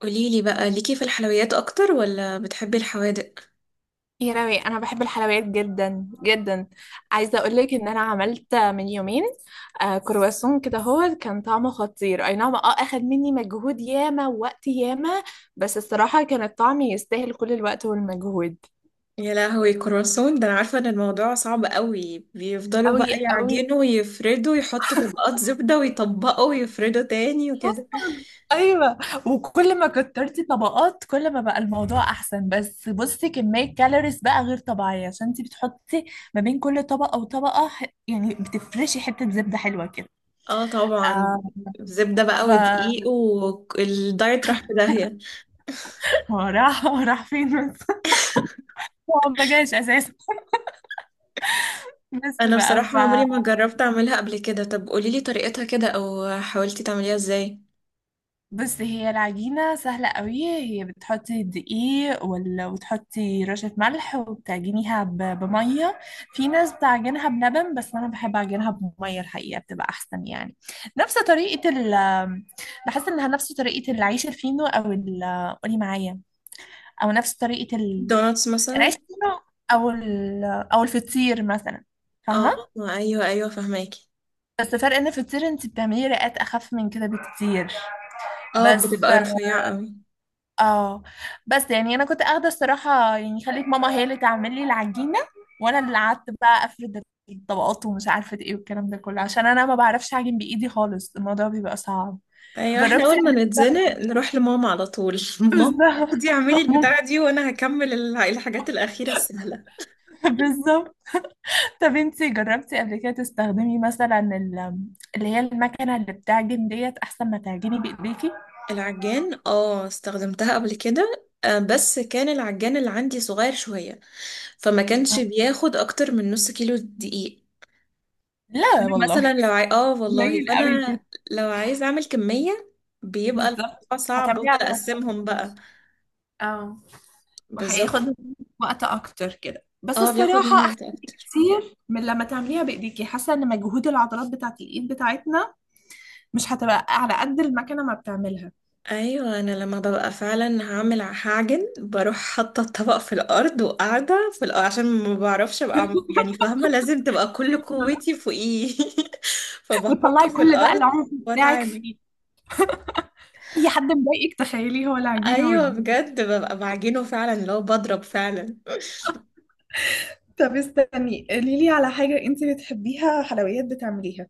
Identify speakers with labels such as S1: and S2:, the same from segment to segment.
S1: قوليلي بقى ليكي في الحلويات اكتر ولا بتحبي الحوادق؟
S2: يا راوي، انا بحب الحلويات جدا جدا. عايزه اقول لك ان انا عملت من يومين كرواسون كده. هو كان طعمه خطير، اي نعم، اخد مني مجهود ياما ووقت ياما. بس الصراحه كان الطعم يستاهل كل الوقت والمجهود.
S1: يا لهوي، كرواسون ده انا عارفه ان الموضوع صعب قوي، بيفضلوا
S2: أوي
S1: بقى
S2: أوي.
S1: يعجنوا ويفردوا، يحطوا طبقات زبده ويطبقوا ويفردوا تاني وكده.
S2: حصل. أيوة. وكل ما كترتي طبقات كل ما بقى الموضوع أحسن، بس بصي كمية كالوريز بقى غير طبيعية، عشان انتي بتحطي ما بين كل طبقة وطبقة يعني بتفرشي حتة زبدة حلوة كده.
S1: اه طبعا. زبده بقى
S2: آه.
S1: ودقيق والدايت راح في داهيه.
S2: هو راح. هو راح فين بس؟ هو ما جاش اساسا. بس
S1: انا
S2: بقى
S1: بصراحه عمري ما جربت اعملها قبل كده. طب قوليلي طريقتها كده او حاولتي تعمليها ازاي؟
S2: بس هي العجينه سهله قوي. هي بتحطي الدقيق وتحطي رشه ملح وبتعجنيها بميه. في ناس بتعجنها بلبن، بس انا بحب اعجنها بميه الحقيقه، بتبقى احسن يعني. نفس طريقه بحس انها نفس طريقه العيش الفينو او قولي معايا. او نفس طريقه
S1: دوناتس
S2: العيش
S1: مثلا.
S2: الفينو او او الفطير مثلا،
S1: اه.
S2: فاهمه؟
S1: ايوه ايوه فهماكي.
S2: بس فرق ان في الطير انت بتعملي رئات اخف من كده بكتير.
S1: اه
S2: بس
S1: بتبقى رفيعه قوي.
S2: اه بس يعني انا كنت اخده الصراحه، يعني خليت ماما هي اللي تعمل لي العجينه، وانا اللي قعدت بقى افرد الطبقات ومش عارفه ايه والكلام ده كله، عشان انا ما بعرفش اعجن بايدي خالص، الموضوع بيبقى صعب.
S1: ايوه، احنا
S2: جربتي
S1: اول
S2: قبل
S1: ما
S2: كده؟
S1: نتزنق نروح لماما على طول. ماما،
S2: بالظبط.
S1: خدي اعملي البتاعة دي وانا هكمل الحاجات الأخيرة السهلة.
S2: بالظبط. طب انتي جربتي قبل كده تستخدمي مثلا اللي هي المكنه اللي بتعجن ديت، احسن ما تعجني بايديكي؟
S1: العجان اه استخدمتها قبل كده آه، بس كان العجان اللي عندي صغير شوية، فما كانش بياخد اكتر من نص كيلو دقيق.
S2: لا
S1: فانا مثلا
S2: والله.
S1: اه والله،
S2: قليل قوي كده.
S1: فانا لو عايز اعمل كمية بيبقى
S2: بالظبط.
S1: الموضوع صعب،
S2: هتعمليه
S1: بفضل
S2: على
S1: اقسمهم
S2: خطوات.
S1: بقى.
S2: اه
S1: بالظبط.
S2: وهياخد وقت اكتر كده، بس
S1: اه بياخد
S2: الصراحه
S1: مني
S2: احسن
S1: وقت اكتر.
S2: كتير من لما تعمليها بايديكي. حاسه ان مجهود العضلات بتاعت الايد بتاعتنا مش هتبقى على قد المكنه ما بتعملها.
S1: ايوه انا لما ببقى فعلا هعمل، هعجن بروح حاطه الطبق في الارض وقاعده في الأرض، عشان ما بعرفش ابقى يعني فاهمه، لازم تبقى كل قوتي فوقيه. فبحطه
S2: وتطلعي
S1: في
S2: كل بقى
S1: الارض
S2: العنف بتاعك
S1: واتعامل.
S2: فيه. اي حد مضايقك تخيليه هو العجينه
S1: ايوه
S2: والدقيق.
S1: بجد ببقى بعجنه فعلا لو بضرب فعلا.
S2: طب استني، قولي لي على حاجة انت بتحبيها، حلويات بتعمليها.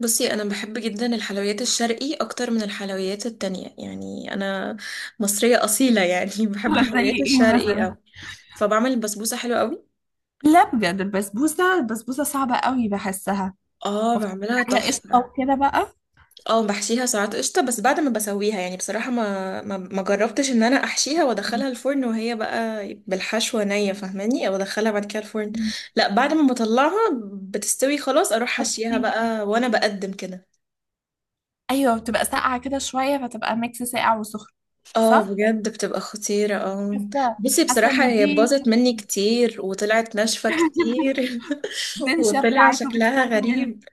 S1: بصي انا بحب جدا الحلويات الشرقي اكتر من الحلويات التانية، يعني انا مصريه اصيله يعني. بحب
S2: آه، زي
S1: الحلويات
S2: ايه
S1: الشرقي
S2: مثلا؟
S1: أوي. فبعمل البسبوسه حلوه قوي.
S2: لا بجد، البسبوسة صعبة قوي بحسها.
S1: اه
S2: وبتبقى
S1: بعملها
S2: عليها قشطة
S1: تحفه.
S2: وكده بقى.
S1: اه بحشيها ساعات قشطة، بس بعد ما بسويها. يعني بصراحة ما جربتش ان انا احشيها وادخلها الفرن وهي بقى بالحشوة نية، فاهماني؟ او ادخلها بعد كده الفرن.
S2: مم.
S1: لا، بعد ما بطلعها بتستوي خلاص، اروح حشيها
S2: أوكي.
S1: بقى وانا بقدم كده.
S2: ايوه بتبقى ساقعه كده شويه، فتبقى ميكس ساقع وسخن.
S1: اه
S2: صح.
S1: بجد بتبقى خطيرة، اه.
S2: حاسه
S1: بصي
S2: حاسه ان
S1: بصراحة هي
S2: دي.
S1: باظت مني كتير وطلعت ناشفة كتير.
S2: بتنشف
S1: وطلع
S2: ساعات
S1: شكلها
S2: وبتفرغل.
S1: غريب،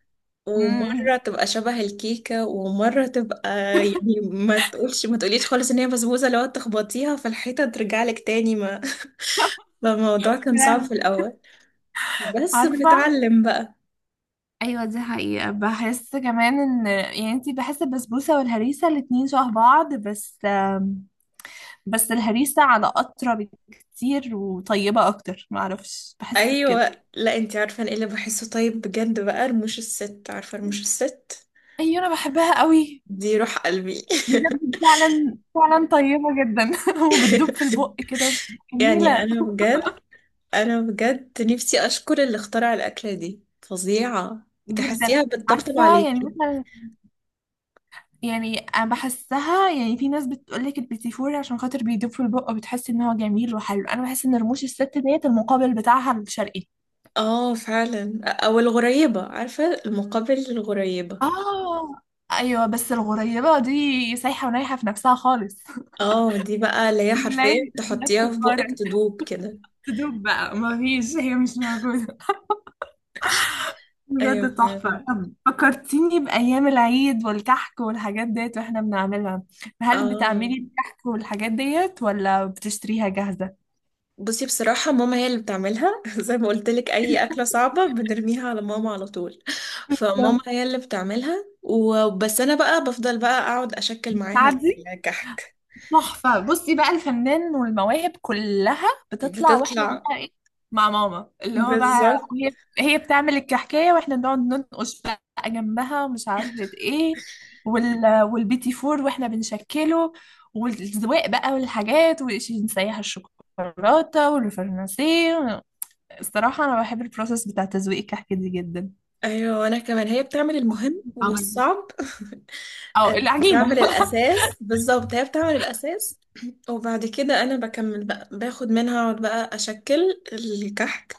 S2: امم
S1: ومرة تبقى شبه الكيكة ومرة تبقى، يعني ما تقولش ما تقوليش خالص ان هي بسبوسة، لو تخبطيها في الحيطة ترجع لك تاني ما. فالموضوع كان صعب في الأول، بس
S2: عارفه.
S1: بنتعلم بقى.
S2: ايوه، دي حقيقه. بحس كمان ان يعني انتي، بحس البسبوسه والهريسه الاتنين شبه بعض، بس بس الهريسه على اطرى بكتير وطيبه اكتر، معرفش بحس بكده.
S1: ايوه، لا، انتي عارفة أنا ايه اللي بحسه طيب بجد بقى؟ رموش الست، عارفة رموش الست؟
S2: ايوه انا بحبها قوي.
S1: دي روح قلبي.
S2: بجد فعلا فعلا طيبة جدا. وبتدوب في البق كده.
S1: يعني
S2: جميلة
S1: انا بجد، انا بجد نفسي اشكر اللي اخترع الأكلة دي، فظيعة.
S2: جدا.
S1: تحسيها بتطبطب
S2: عارفة يعني
S1: عليكي.
S2: مثلا، يعني أنا بحسها، يعني في ناس بتقولك البيتي عشان خاطر بيدوب في البق وبتحس إن هو جميل وحلو. أنا بحس إن رموش الست ديت المقابل بتاعها الشرقي.
S1: اه فعلا. او الغريبة، عارفة المقابل للغريبة.
S2: آه. أيوة بس الغريبة دي سايحة ونايحة في نفسها خالص.
S1: اه دي بقى اللي هي حرفيا
S2: لا. لا
S1: تحطيها في بقك
S2: تقارن.
S1: تدوب كده.
S2: تدوب بقى، مفيش، هي مش موجودة.
S1: ايوه
S2: بجد تحفة.
S1: فعلا.
S2: طب فكرتيني بأيام العيد والكحك والحاجات ديت واحنا بنعملها. هل
S1: اه،
S2: بتعملي الكحك والحاجات ديت ولا بتشتريها جاهزة؟
S1: بصي بصراحة ماما هي اللي بتعملها. زي ما قلت لك، اي اكلة صعبة بنرميها على ماما على طول. فماما
S2: بالظبط.
S1: هي اللي بتعملها وبس، انا بقى بفضل بقى اقعد اشكل معاها
S2: تعدي؟
S1: الكحك.
S2: تحفة. بصي بقى الفنان والمواهب كلها بتطلع، واحنا
S1: بتطلع.
S2: بقى ايه مع ماما، اللي هو بقى
S1: بالظبط.
S2: هي هي بتعمل الكحكاية واحنا بنقعد ننقش بقى جنبها ومش عارفة ايه والبيتي فور واحنا بنشكله والزواق بقى والحاجات ونسيح الشوكولاتة والفرنسيه. الصراحة أنا بحب البروسيس بتاع تزويق الكحك دي جدا.
S1: ايوه وانا كمان، هي بتعمل المهم
S2: عمل-
S1: والصعب.
S2: أو العجينة.
S1: بتعمل الأساس، بالظبط هي بتعمل الأساس. وبعد كده أنا بكمل بقى، باخد منها أقعد بقى أشكل الكحك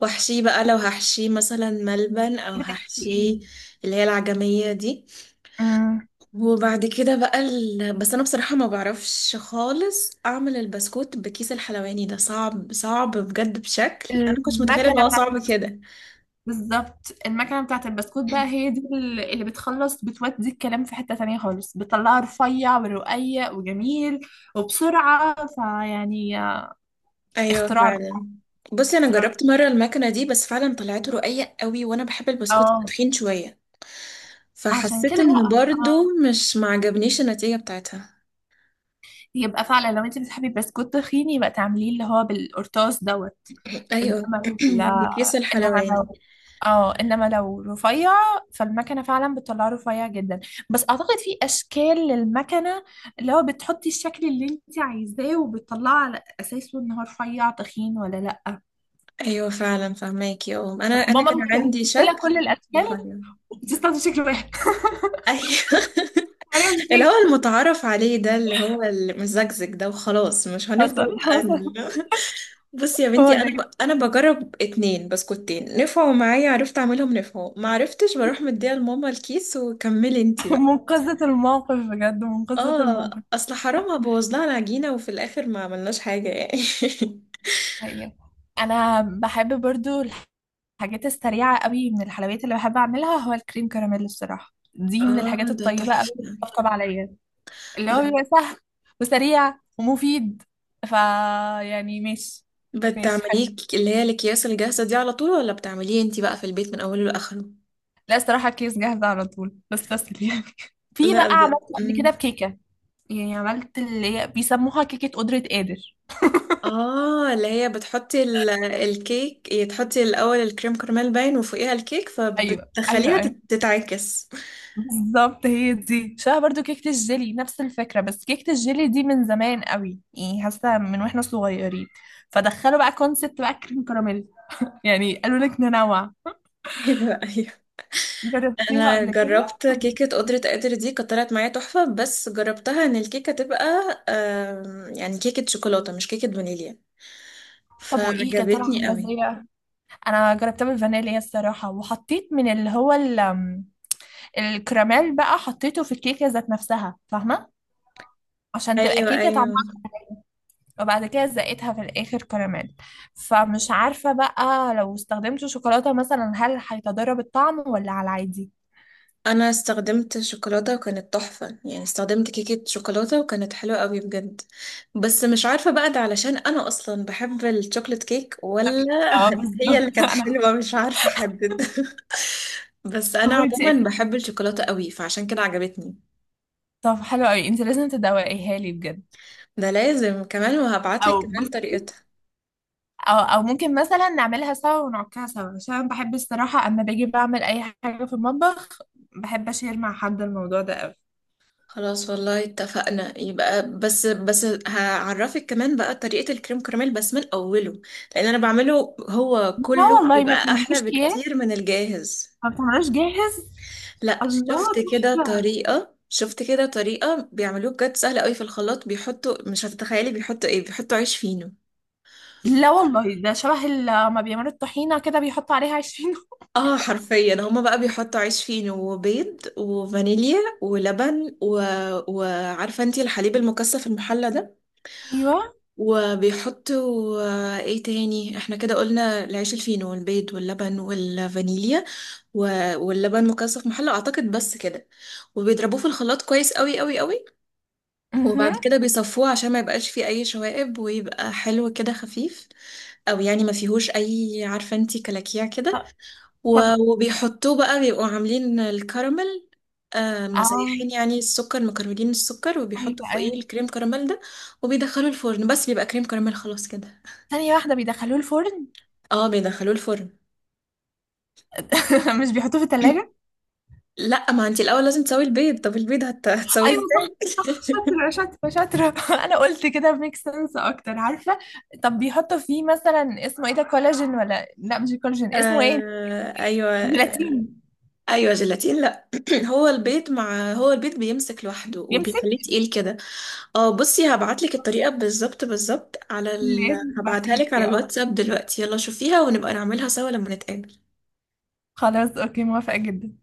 S1: وأحشيه بقى، لو هحشيه مثلا ملبن أو
S2: بتحكي ايه؟
S1: هحشيه اللي هي العجمية دي.
S2: أمم،
S1: وبعد كده بقى بس أنا بصراحة ما بعرفش خالص أعمل البسكوت بكيس الحلواني ده، صعب، صعب بجد بشكل. أنا كنت متخيلة إن
S2: المكنة
S1: هو
S2: بتاعت،
S1: صعب كده.
S2: بالظبط المكنة بتاعة البسكوت بقى، هي دي اللي بتخلص بتودي الكلام في حتة تانية خالص، بتطلعه رفيع ورقيق وجميل وبسرعة فيعني.
S1: ايوه
S2: اختراع.
S1: فعلا. بصي انا
S2: اختراع.
S1: جربت مره المكنه دي، بس فعلا طلعت رقيق قوي، وانا بحب البسكوت يبقى
S2: اه
S1: تخين شويه،
S2: عشان
S1: فحسيت
S2: كده
S1: ان
S2: بقى،
S1: برضو
S2: اه.
S1: مش معجبنيش النتيجة بتاعتها.
S2: يبقى فعلا لو انت بتحبي البسكوت تخين، يبقى تعمليه اللي هو بالقرطاس دوت.
S1: ايوه.
S2: انما لا.
S1: بكيس
S2: انما
S1: الحلواني.
S2: لو اه انما لو رفيع، فالمكنه فعلا بتطلعه رفيع جدا. بس اعتقد في اشكال للمكنه، اللي هو بتحطي الشكل اللي انت عايزاه وبتطلعه على اساسه ان هو رفيع تخين ولا لا.
S1: ايوه فعلا فهماكي. اه، انا
S2: بس
S1: انا
S2: ماما
S1: كان عندي
S2: مكنسله
S1: شكل
S2: كل الاشكال،
S1: رفيع.
S2: بتستخدم شكل واحد.
S1: ايوه.
S2: معرفش
S1: اللي هو
S2: ليه.
S1: المتعارف عليه ده، اللي هو المزجزج ده، وخلاص مش هنفضل
S2: حصل
S1: بقى
S2: حصل.
S1: بصي يا
S2: هو
S1: بنتي،
S2: ده
S1: انا بجرب اتنين بسكوتين، نفعوا معايا عرفت اعملهم، نفعوا ما عرفتش بروح مديها لماما الكيس وكملي انتي بقى.
S2: منقذة الموقف، بجد منقذة الموقف.
S1: اه اصل حرام ابوظ لها العجينة وفي الاخر ما عملناش حاجة يعني.
S2: حقيقة. انا بحب برضو الحاجات السريعة قوي. من الحلويات اللي بحب أعملها هو الكريم كراميل، الصراحة دي من
S1: اه
S2: الحاجات
S1: ده
S2: الطيبة قوي اللي
S1: تحفة.
S2: بتطبطب عليا، اللي هو
S1: بت-
S2: بيبقى سهل وسريع ومفيد. فا يعني ماشي. ماشي حلو.
S1: بتعمليه اللي هي الاكياس الجاهزة دي على طول، ولا بتعمليه انتي بقى في البيت من اوله لاخره؟
S2: لا الصراحة الكيس جاهزة على طول، بس يعني. في
S1: لا
S2: بقى
S1: ب...
S2: عملت قبل
S1: مم.
S2: كده بكيكة، يعني عملت اللي هي بيسموها كيكة قدرة قادر.
S1: اه اللي هي بتحطي الكيك، هي تحطي الاول الكريم كراميل باين وفوقيها الكيك،
S2: أيوه أيوه
S1: فبتخليها
S2: أيوه.
S1: تتعكس.
S2: بالظبط، هي دي شبه برضو كيكة الجيلي، نفس الفكرة، بس كيكة الجيلي دي من زمان قوي يعني، حاسة من واحنا صغيرين فدخلوا بقى كونسبت بقى كريم كراميل، يعني قالوا لك ننوع.
S1: ايوه
S2: جربتيها
S1: انا
S2: قبل كده؟
S1: جربت كيكه قدره قادر دي، كانت طلعت معايا تحفه، بس جربتها ان الكيكه تبقى آم، يعني كيكه شوكولاته مش كيكه فانيليا،
S2: طب وايه كانت طالعة
S1: فعجبتني
S2: عاملة
S1: قوي.
S2: ازاي بقى؟ انا جربتها بالفانيليا الصراحة، وحطيت من اللي هو الكراميل بقى، حطيته في الكيكة ذات نفسها، فاهمة، عشان تبقى
S1: ايوه
S2: كيكة،
S1: ايوه،
S2: وبعد كده زقتها في الاخر كراميل. فمش عارفة بقى لو استخدمت شوكولاتة مثلا هل هيتضرب الطعم ولا على العادي.
S1: انا استخدمت شوكولاته وكانت تحفه، يعني استخدمت كيكه شوكولاته وكانت حلوه قوي بجد. بس مش عارفه بقى ده علشان انا اصلا بحب الشوكولات كيك ولا.
S2: اه
S1: هي اللي
S2: بالظبط.
S1: كانت
S2: انا
S1: حلوه
S2: حاسه.
S1: مش عارفه احدد. بس انا
S2: انت
S1: عموما
S2: اكيد.
S1: بحب الشوكولاته قوي، فعشان كده عجبتني.
S2: طب حلو قوي، انت لازم تدوقيها لي بجد.
S1: ده لازم كمان،
S2: او
S1: وهبعتلك
S2: بص،
S1: كمان طريقتها.
S2: او ممكن مثلا نعملها سوا ونعكها سوا، عشان أنا بحب الصراحة اما باجي بعمل اي حاجة في المطبخ بحب اشير مع حد، الموضوع ده قوي.
S1: خلاص والله اتفقنا يبقى، بس هعرفك كمان بقى طريقة الكريم كراميل بس من أوله، لأن أنا بعمله هو
S2: لا
S1: كله
S2: والله، ما
S1: بيبقى أحلى
S2: بتعملوش اكياس،
S1: بكتير من الجاهز.
S2: ما بتعملوش جاهز.
S1: لا،
S2: الله.
S1: شفت كده طريقة، شفت كده طريقة بيعملوه بجد سهلة قوي. في الخلاط بيحطوا، مش هتتخيلي بيحطوا ايه، بيحطوا عيش فينو.
S2: لا والله، ده شبه لما بيعملوا الطحينة كده بيحطوا عليها 20.
S1: اه حرفيا، هما بقى بيحطوا عيش فينو وبيض وفانيليا ولبن و... وعارفة انتي الحليب المكثف المحلى ده؟
S2: ايوه.
S1: وبيحطوا آه، ايه تاني، احنا كده قلنا العيش الفينو والبيض واللبن والفانيليا واللبن مكثف محلى اعتقد، بس كده. وبيضربوه في الخلاط كويس، قوي قوي قوي. وبعد
S2: امم
S1: كده بيصفوه عشان ما يبقاش فيه اي شوائب ويبقى حلو كده خفيف، او يعني ما فيهوش اي، عارفه انتي، كلاكيع كده.
S2: طب.
S1: وبيحطوه بقى، بيبقوا عاملين الكراميل آه،
S2: اه
S1: مزيحين يعني السكر، مكرملين السكر، وبيحطوا
S2: ايوه
S1: فوقيه
S2: ايوه.
S1: الكريم كراميل ده. وبيدخلوا الفرن، بس بيبقى كريم كراميل خلاص كده.
S2: ثانية واحدة، بيدخلوه الفرن؟
S1: اه بيدخلوه الفرن.
S2: مش بيحطوه في التلاجة؟
S1: لا، ما انت الاول لازم تسوي البيض. طب البيض هتسويه
S2: ايوه صح
S1: ازاي؟
S2: صح. شاطرة شاطرة شاطرة. انا قلت كده ميك سنس اكتر عارفة. طب بيحطوا فيه مثلا اسمه ايه ده، كولاجين ولا لا مش الكولاجين، اسمه ايه؟
S1: آه ايوه
S2: الكرياتين.
S1: ايوه، جيلاتين. لا هو البيض بيمسك لوحده وبيخليه
S2: يمسك.
S1: تقيل كده. اه بصي هبعت لك الطريقه بالظبط بالظبط على
S2: اللي لازم
S1: هبعتها
S2: تبعتيها
S1: لك على
S2: لي، اه.
S1: الواتساب دلوقتي، يلا شوفيها ونبقى نعملها سوا لما نتقابل.
S2: خلاص اوكي، موافقة جدا.